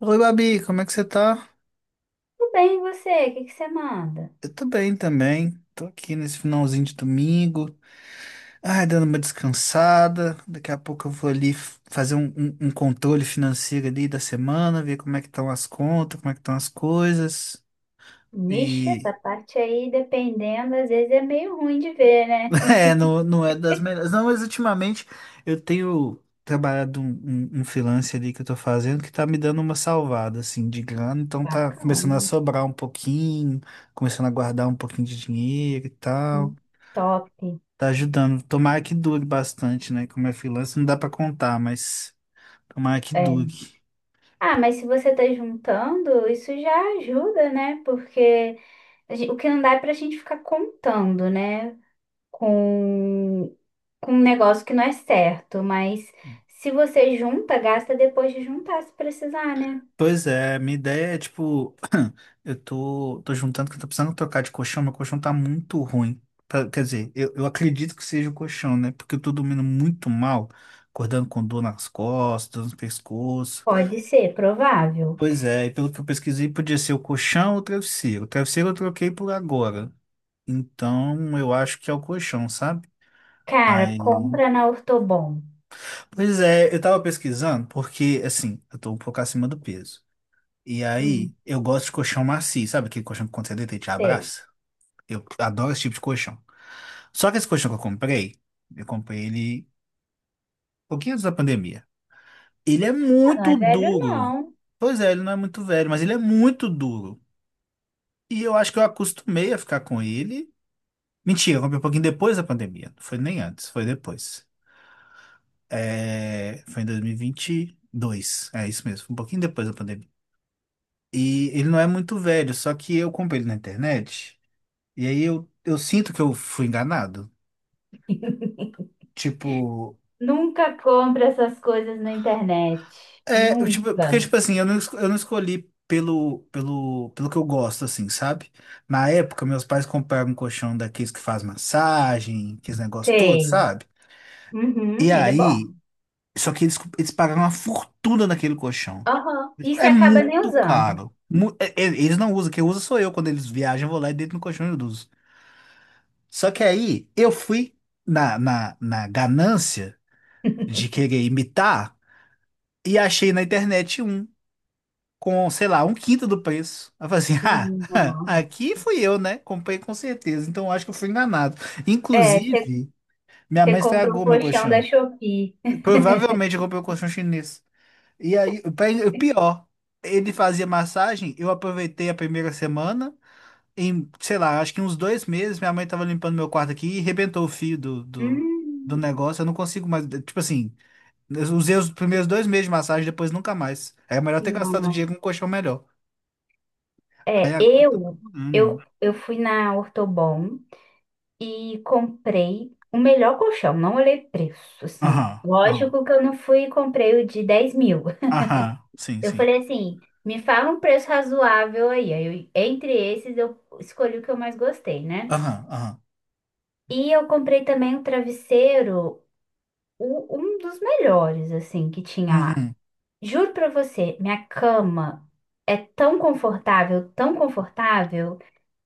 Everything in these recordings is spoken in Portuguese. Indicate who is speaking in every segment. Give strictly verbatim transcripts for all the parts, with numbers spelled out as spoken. Speaker 1: Oi, Babi, como é que você tá?
Speaker 2: Tudo bem, e você? O que que você manda?
Speaker 1: Eu tô bem também. Tô aqui nesse finalzinho de domingo. Ai, dando uma descansada. Daqui a pouco eu vou ali f- fazer um, um- um controle financeiro ali da semana, ver como é que estão as contas, como é que estão as coisas.
Speaker 2: Vixe, essa
Speaker 1: E
Speaker 2: parte aí, dependendo, às vezes é meio ruim de ver, né?
Speaker 1: é, não, não é das melhores. Não, mas ultimamente eu tenho trabalhado um, um, um freelance ali que eu tô fazendo que tá me dando uma salvada, assim, de grana. Então tá começando a
Speaker 2: Bacana.
Speaker 1: sobrar um pouquinho, começando a guardar um pouquinho de dinheiro e tal.
Speaker 2: Hum. Top.
Speaker 1: Tá ajudando. Tomara que dure bastante, né? Como é freelancer, não dá pra contar, mas tomara que
Speaker 2: É.
Speaker 1: dure.
Speaker 2: Ah, mas se você tá juntando, isso já ajuda, né? Porque a gen- o que não dá é pra gente ficar contando, né? Com, com um negócio que não é certo. Mas se você junta, gasta depois de juntar, se precisar, né?
Speaker 1: Pois é, minha ideia é tipo, eu tô, tô juntando que eu tô precisando trocar de colchão, meu colchão tá muito ruim. Pra- Quer dizer, eu, eu acredito que seja o colchão, né? Porque eu tô dormindo muito mal, acordando com dor nas costas, no pescoço.
Speaker 2: Pode ser, provável.
Speaker 1: Pois é, e pelo que eu pesquisei, podia ser o colchão ou o travesseiro. O travesseiro eu troquei por agora. Então, eu acho que é o colchão, sabe?
Speaker 2: Cara,
Speaker 1: Aí.
Speaker 2: compra na Ortobon.
Speaker 1: Pois é, eu tava pesquisando porque, assim, eu tô um pouco acima do peso. E aí,
Speaker 2: Hum,
Speaker 1: eu gosto de colchão macio, sabe aquele colchão que quando você deita ele te
Speaker 2: sei.
Speaker 1: abraça? Eu adoro esse tipo de colchão. Só que esse colchão que eu comprei, eu comprei ele um pouquinho antes da pandemia. Ele é
Speaker 2: Não é
Speaker 1: muito
Speaker 2: velho,
Speaker 1: duro.
Speaker 2: não.
Speaker 1: Pois é, ele não é muito velho, mas ele é muito duro. E eu acho que eu acostumei a ficar com ele. Mentira, eu comprei um pouquinho depois da pandemia. Não foi nem antes, foi depois. É, Foi em dois mil e e vinte e dois. É isso mesmo, foi um pouquinho depois da pandemia. E ele não é muito velho, só que eu comprei ele na internet. E aí eu, eu sinto que eu fui enganado. Tipo,
Speaker 2: Nunca compra essas coisas na internet.
Speaker 1: é, eu, tipo, porque,
Speaker 2: Nunca.
Speaker 1: tipo assim, eu não, esco- eu não escolhi pelo, pelo, pelo que eu gosto, assim, sabe? Na época, meus pais compraram um colchão daqueles que faz massagem, aqueles negócios todos,
Speaker 2: Tem.
Speaker 1: sabe? E
Speaker 2: Uhum, ele é
Speaker 1: aí,
Speaker 2: bom.
Speaker 1: só que eles, eles pagaram uma fortuna naquele colchão.
Speaker 2: Aham. E você
Speaker 1: É
Speaker 2: acaba nem
Speaker 1: muito
Speaker 2: usando.
Speaker 1: caro. Mu- é- é- Eles não usam, quem usa sou eu. Quando eles viajam, eu vou lá e deito no colchão e eu uso. Só que aí eu fui na, na, na ganância de querer imitar e achei na internet um com, sei lá, um quinto do preço. Aí Eu falei assim, ah,
Speaker 2: Nossa.
Speaker 1: aqui fui eu, né? Comprei com certeza, então acho que eu fui enganado.
Speaker 2: É, você
Speaker 1: Inclusive, minha
Speaker 2: você
Speaker 1: mãe
Speaker 2: compra o
Speaker 1: estragou meu
Speaker 2: colchão da
Speaker 1: colchão.
Speaker 2: Shopee.
Speaker 1: Provavelmente eu comprei o colchão chinês. E aí, o pai- o pior, ele fazia massagem, eu aproveitei a primeira semana. Em, sei lá, acho que uns dois meses, minha mãe tava limpando meu quarto aqui e rebentou o fio do, do, do
Speaker 2: Hum,
Speaker 1: negócio. Eu não consigo mais. Tipo assim, eu usei os primeiros dois meses de massagem, depois nunca mais. É melhor ter gastado
Speaker 2: não.
Speaker 1: dinheiro com um colchão melhor. Aí
Speaker 2: É,
Speaker 1: agora eu tô
Speaker 2: eu,
Speaker 1: procurando.
Speaker 2: eu,
Speaker 1: um.
Speaker 2: eu fui na Ortobon e comprei o melhor colchão, não olhei preço, assim.
Speaker 1: Aham, aham,
Speaker 2: Lógico que eu não fui e comprei o de dez mil.
Speaker 1: aham, sim,
Speaker 2: Eu
Speaker 1: sim.
Speaker 2: falei assim, me fala um preço razoável aí. Aí eu- entre esses, eu escolhi o que eu mais gostei, né?
Speaker 1: Aham, aham.
Speaker 2: E eu comprei também um travesseiro, o- um dos melhores, assim, que tinha lá.
Speaker 1: Uhum.
Speaker 2: Juro pra você, minha cama é tão confortável, tão confortável,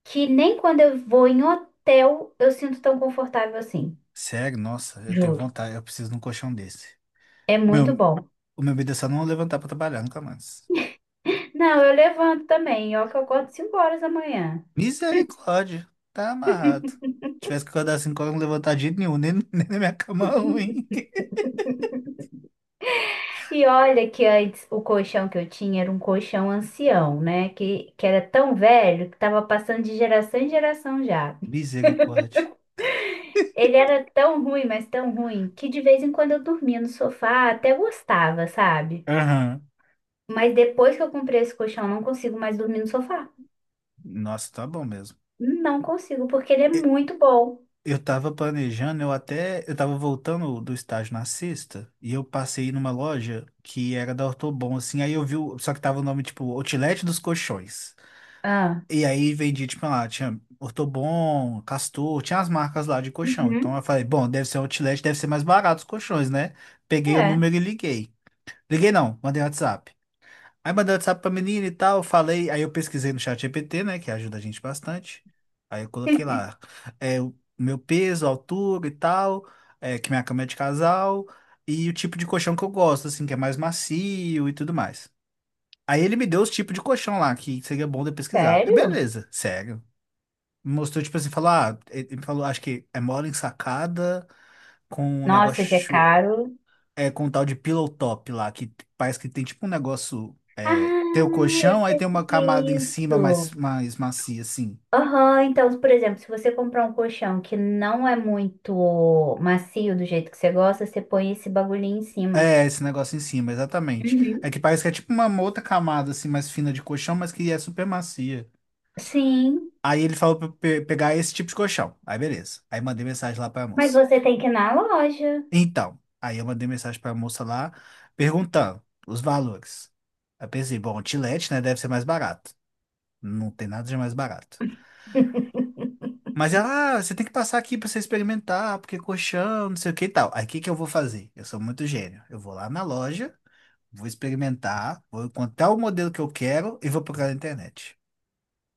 Speaker 2: que nem quando eu vou em hotel eu sinto tão confortável assim.
Speaker 1: Sério, nossa, eu tenho
Speaker 2: Juro.
Speaker 1: vontade, eu preciso de um colchão desse.
Speaker 2: É muito
Speaker 1: Meu,
Speaker 2: bom.
Speaker 1: o meu medo é só não levantar pra trabalhar, nunca mais.
Speaker 2: Não, eu levanto também, ó, que eu acordo cinco horas da manhã.
Speaker 1: Misericórdia. Tá amarrado. Tivesse que acordar às 5 horas, não levantar de jeito nenhum, nem, nem na minha cama ruim.
Speaker 2: E olha que antes o colchão que eu tinha era um colchão ancião, né? Que, que era tão velho que tava passando de geração em geração já.
Speaker 1: Misericórdia.
Speaker 2: Ele era tão ruim, mas tão ruim, que de vez em quando eu dormia no sofá, até gostava, sabe?
Speaker 1: Aham.
Speaker 2: Mas depois que eu comprei esse colchão, eu não consigo mais dormir no sofá.
Speaker 1: Nossa, tá bom mesmo.
Speaker 2: Não consigo, porque ele é
Speaker 1: E-
Speaker 2: muito bom.
Speaker 1: Eu tava planejando, eu até. Eu tava voltando do estágio na sexta, e eu passei numa loja que era da Ortobon, assim. Aí eu vi. o- Só que tava o nome, tipo, Outlet dos Colchões.
Speaker 2: Ah,
Speaker 1: E aí vendia, tipo, lá, tinha Ortobon, Castor, tinha as marcas lá de colchão. Então
Speaker 2: uhum,
Speaker 1: eu falei, bom, deve ser um Outlet, deve ser mais barato os colchões, né? Peguei o
Speaker 2: é.
Speaker 1: número e liguei. Liguei não, mandei WhatsApp. Aí mandei WhatsApp pra menina e tal, falei, aí eu pesquisei no chat G P T, né, que ajuda a gente bastante. Aí eu coloquei lá, é, o meu peso, altura e tal, é, que minha cama é de casal, e o tipo de colchão que eu gosto, assim, que é mais macio e tudo mais. Aí ele me deu os tipos de colchão lá, que seria bom de eu pesquisar.
Speaker 2: Sério?
Speaker 1: Beleza, sério. Me Mostrou, tipo assim, falou, ah, ele ele me falou, acho que é mole ensacada, com um
Speaker 2: Nossa, esse é
Speaker 1: negócio
Speaker 2: caro.
Speaker 1: é, com um tal de pillow top lá, que parece que tem tipo um negócio. É, tem o
Speaker 2: Ah, eu
Speaker 1: colchão, aí
Speaker 2: sei
Speaker 1: tem
Speaker 2: o que
Speaker 1: uma
Speaker 2: que
Speaker 1: camada em
Speaker 2: é
Speaker 1: cima mais,
Speaker 2: isso.
Speaker 1: mais macia, assim.
Speaker 2: Aham, então, por exemplo, se você comprar um colchão que não é muito macio do jeito que você gosta, você põe esse bagulhinho em cima.
Speaker 1: É, esse negócio em cima, exatamente.
Speaker 2: Uhum.
Speaker 1: É que parece que é tipo uma outra camada, assim, mais fina de colchão, mas que é super macia.
Speaker 2: Sim,
Speaker 1: Aí ele falou pra eu pe- pegar esse tipo de colchão. Aí beleza. Aí mandei mensagem lá pra
Speaker 2: mas
Speaker 1: moça.
Speaker 2: você tem que ir na loja.
Speaker 1: Então, aí eu mandei mensagem pra moça lá, perguntando os valores. Aí pensei, bom, o Tilete, né, deve ser mais barato. Não tem nada de mais barato. Mas ela, ah, você tem que passar aqui pra você experimentar, porque é colchão, não sei o que e tal. Aí o que que eu vou fazer? Eu sou muito gênio. Eu vou lá na loja, vou experimentar, vou encontrar o modelo que eu quero e vou procurar na internet.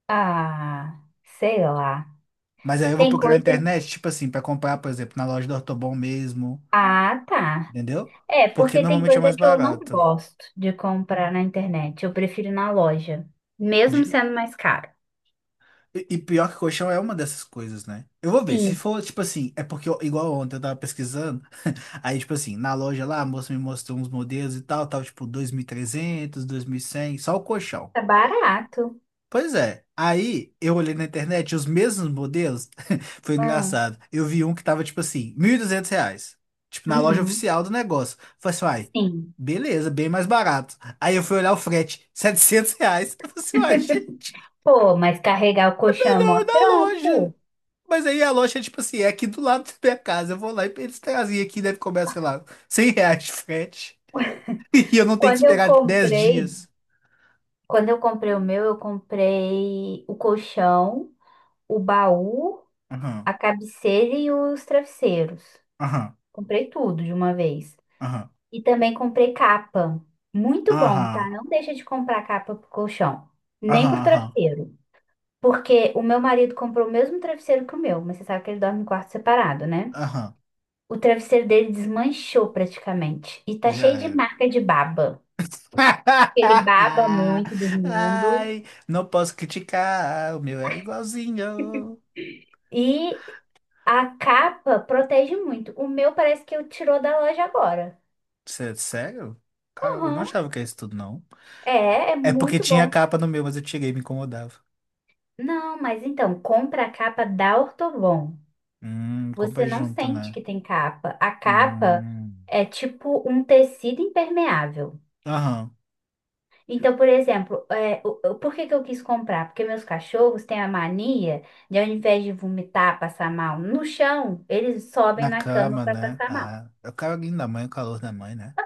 Speaker 2: Ah, sei lá.
Speaker 1: Mas aí eu vou
Speaker 2: Tem
Speaker 1: procurar na
Speaker 2: coisa.
Speaker 1: internet, tipo assim, pra comprar, por exemplo, na loja do Ortobon mesmo,
Speaker 2: Ah, tá.
Speaker 1: entendeu?
Speaker 2: É,
Speaker 1: Porque
Speaker 2: porque tem
Speaker 1: normalmente é
Speaker 2: coisa
Speaker 1: mais
Speaker 2: que eu não
Speaker 1: barato.
Speaker 2: gosto de comprar na internet. Eu prefiro ir na loja, mesmo
Speaker 1: De-
Speaker 2: sendo mais caro.
Speaker 1: E e pior que colchão é uma dessas coisas, né? Eu vou ver, se
Speaker 2: Sim,
Speaker 1: for, tipo assim, é porque, eu- igual ontem eu tava pesquisando. Aí, tipo assim, na loja lá, a moça me mostrou uns modelos e tal, tal, tipo dois mil e trezentos, dois mil e cem, só o colchão.
Speaker 2: tá barato.
Speaker 1: Pois é. Aí, eu olhei na internet os mesmos modelos, foi
Speaker 2: Ah,
Speaker 1: engraçado. Eu vi um que tava, tipo assim, mil e duzentos reais. Tipo, na loja
Speaker 2: uhum.
Speaker 1: oficial do negócio. Falei assim, uai,
Speaker 2: Sim.
Speaker 1: beleza, bem mais barato. Aí eu fui olhar o frete, setecentos reais. Eu falei assim, uai, gente,
Speaker 2: Pô, mas carregar o
Speaker 1: melhor
Speaker 2: colchão é mó
Speaker 1: ir na loja.
Speaker 2: trampo.
Speaker 1: Mas aí a loja, tipo assim, é aqui do lado da minha casa. Eu vou lá e eles trazem aqui, deve cobrar, sei lá, cem reais de frete. E eu não tenho que
Speaker 2: Quando eu
Speaker 1: esperar tipo, dez
Speaker 2: comprei,
Speaker 1: dias.
Speaker 2: quando eu comprei o meu, eu comprei o colchão, o baú,
Speaker 1: Aham,
Speaker 2: a cabeceira e os travesseiros.
Speaker 1: aham,
Speaker 2: Comprei tudo de uma vez.
Speaker 1: aham,
Speaker 2: E também comprei capa. Muito bom, tá?
Speaker 1: aham,
Speaker 2: Não deixa de comprar capa pro colchão, nem
Speaker 1: aham,
Speaker 2: pro
Speaker 1: aham,
Speaker 2: travesseiro. Porque o meu marido comprou o mesmo travesseiro que o meu, mas você sabe que ele dorme em quarto separado, né?
Speaker 1: aham.
Speaker 2: O travesseiro dele desmanchou praticamente e tá
Speaker 1: Já
Speaker 2: cheio de
Speaker 1: era.
Speaker 2: marca de baba. Ele baba muito dormindo.
Speaker 1: Ai, não posso criticar, o meu é igualzinho.
Speaker 2: E A capa protege muito. O meu parece que eu tirou da loja agora.
Speaker 1: Sé- Sério? Caramba, eu não
Speaker 2: Aham.
Speaker 1: achava que era isso tudo, não.
Speaker 2: É, é
Speaker 1: É porque
Speaker 2: muito
Speaker 1: tinha
Speaker 2: bom.
Speaker 1: capa no meu, mas eu tirei, me incomodava.
Speaker 2: Não, mas então, compra a capa da Ortobon.
Speaker 1: Hum, compra
Speaker 2: Você não
Speaker 1: junto,
Speaker 2: sente
Speaker 1: né?
Speaker 2: que tem capa. A capa
Speaker 1: Hum.
Speaker 2: é tipo um tecido impermeável.
Speaker 1: Aham.
Speaker 2: Então, por exemplo, é, o- o- por que que eu quis comprar? Porque meus cachorros têm a mania de, ao invés de vomitar, passar mal no chão, eles sobem
Speaker 1: Na
Speaker 2: na cama
Speaker 1: cama,
Speaker 2: para
Speaker 1: né?
Speaker 2: passar mal.
Speaker 1: Ah, é o carinho da mãe, o calor da mãe, né?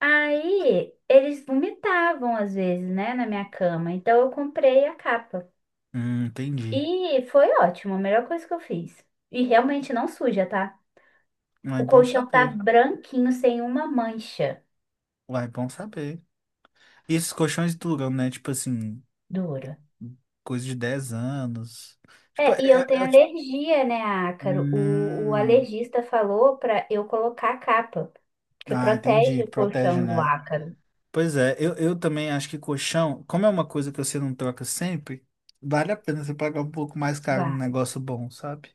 Speaker 2: Aí eles vomitavam às vezes, né, na minha cama. Então eu comprei a capa.
Speaker 1: Hum, entendi.
Speaker 2: E foi ótimo, a melhor coisa que eu fiz. E realmente não suja, tá?
Speaker 1: Mas
Speaker 2: O
Speaker 1: é bom
Speaker 2: colchão tá
Speaker 1: saber.
Speaker 2: branquinho, sem uma mancha
Speaker 1: Uai, bom saber. E esses colchões duram, né? Tipo assim,
Speaker 2: dura.
Speaker 1: coisa de dez anos. Tipo,
Speaker 2: É,
Speaker 1: é,
Speaker 2: e
Speaker 1: é-
Speaker 2: eu
Speaker 1: é
Speaker 2: tenho
Speaker 1: o tipo.
Speaker 2: alergia, né, ácaro? O, o
Speaker 1: Hum,
Speaker 2: alergista falou pra eu colocar a capa, porque
Speaker 1: ah,
Speaker 2: protege
Speaker 1: entendi.
Speaker 2: o
Speaker 1: Protege,
Speaker 2: colchão do
Speaker 1: né?
Speaker 2: ácaro.
Speaker 1: Pois é, eu, eu também acho que colchão, como é uma coisa que você não troca sempre, vale a pena você pagar um pouco mais caro num
Speaker 2: Vale,
Speaker 1: negócio bom, sabe?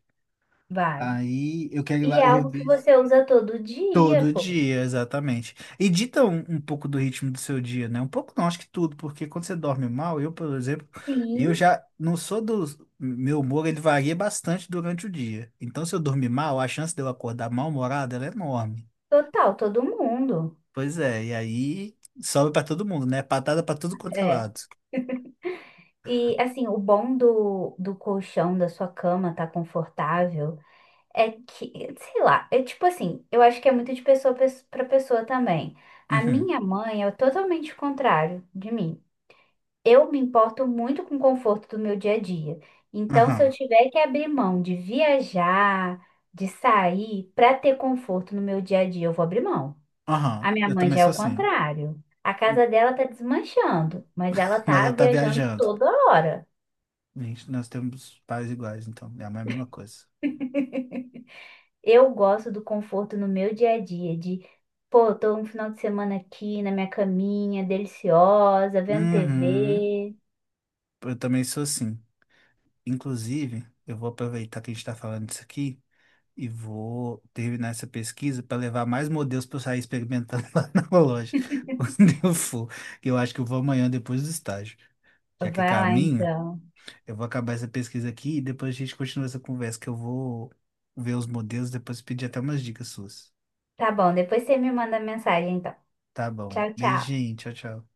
Speaker 2: vale.
Speaker 1: Aí eu quero ir
Speaker 2: E
Speaker 1: lá,
Speaker 2: é
Speaker 1: eu vou
Speaker 2: algo que
Speaker 1: ver.
Speaker 2: você usa todo dia,
Speaker 1: Todo
Speaker 2: pô.
Speaker 1: dia, exatamente. E dita um, um pouco do ritmo do seu dia, né? Um pouco não, acho que tudo, porque quando você dorme mal, eu, por exemplo, eu
Speaker 2: Sim,
Speaker 1: já não sou dos. Meu humor, ele varia bastante durante o dia. Então, se eu dormir mal, a chance de eu acordar mal-humorado, ela é enorme.
Speaker 2: total, todo mundo.
Speaker 1: Pois é, e aí sobe pra todo mundo, né? Patada pra tudo quanto é
Speaker 2: É.
Speaker 1: lado.
Speaker 2: E assim, o bom do, do colchão da sua cama tá confortável é que, sei lá, é tipo assim, eu acho que é muito de pessoa pes- pra pessoa também. A
Speaker 1: Uhum,
Speaker 2: minha mãe é totalmente o contrário de mim. Eu me importo muito com o conforto do meu dia a dia. Então, se eu
Speaker 1: aham,
Speaker 2: tiver que abrir mão de viajar, de sair pra ter conforto no meu dia a dia, eu vou abrir mão. A
Speaker 1: aham.
Speaker 2: minha
Speaker 1: Eu
Speaker 2: mãe
Speaker 1: também
Speaker 2: já é
Speaker 1: sou
Speaker 2: o
Speaker 1: assim.
Speaker 2: contrário. A casa dela tá desmanchando, mas ela
Speaker 1: Mas
Speaker 2: tá
Speaker 1: eu tá
Speaker 2: viajando
Speaker 1: viajando.
Speaker 2: toda hora.
Speaker 1: Gente, nós temos pais iguais, então. É a mesma coisa.
Speaker 2: Eu gosto do conforto no meu dia a dia, de, pô, tô um final de semana aqui na minha caminha, deliciosa, vendo
Speaker 1: Uhum.
Speaker 2: T V.
Speaker 1: Eu também sou assim. Inclusive, eu vou aproveitar que a gente está falando disso aqui e vou terminar essa pesquisa para levar mais modelos para eu sair experimentando lá na loja, quando eu for. Que Eu acho que eu vou amanhã depois do estágio. Já que é
Speaker 2: Vai lá
Speaker 1: caminho,
Speaker 2: então.
Speaker 1: eu vou acabar essa pesquisa aqui e depois a gente continua essa conversa, que eu vou ver os modelos, depois pedir até umas dicas suas.
Speaker 2: Tá bom, depois você me manda mensagem então.
Speaker 1: Tá bom.
Speaker 2: Tchau, tchau.
Speaker 1: Beijinho, tchau, tchau.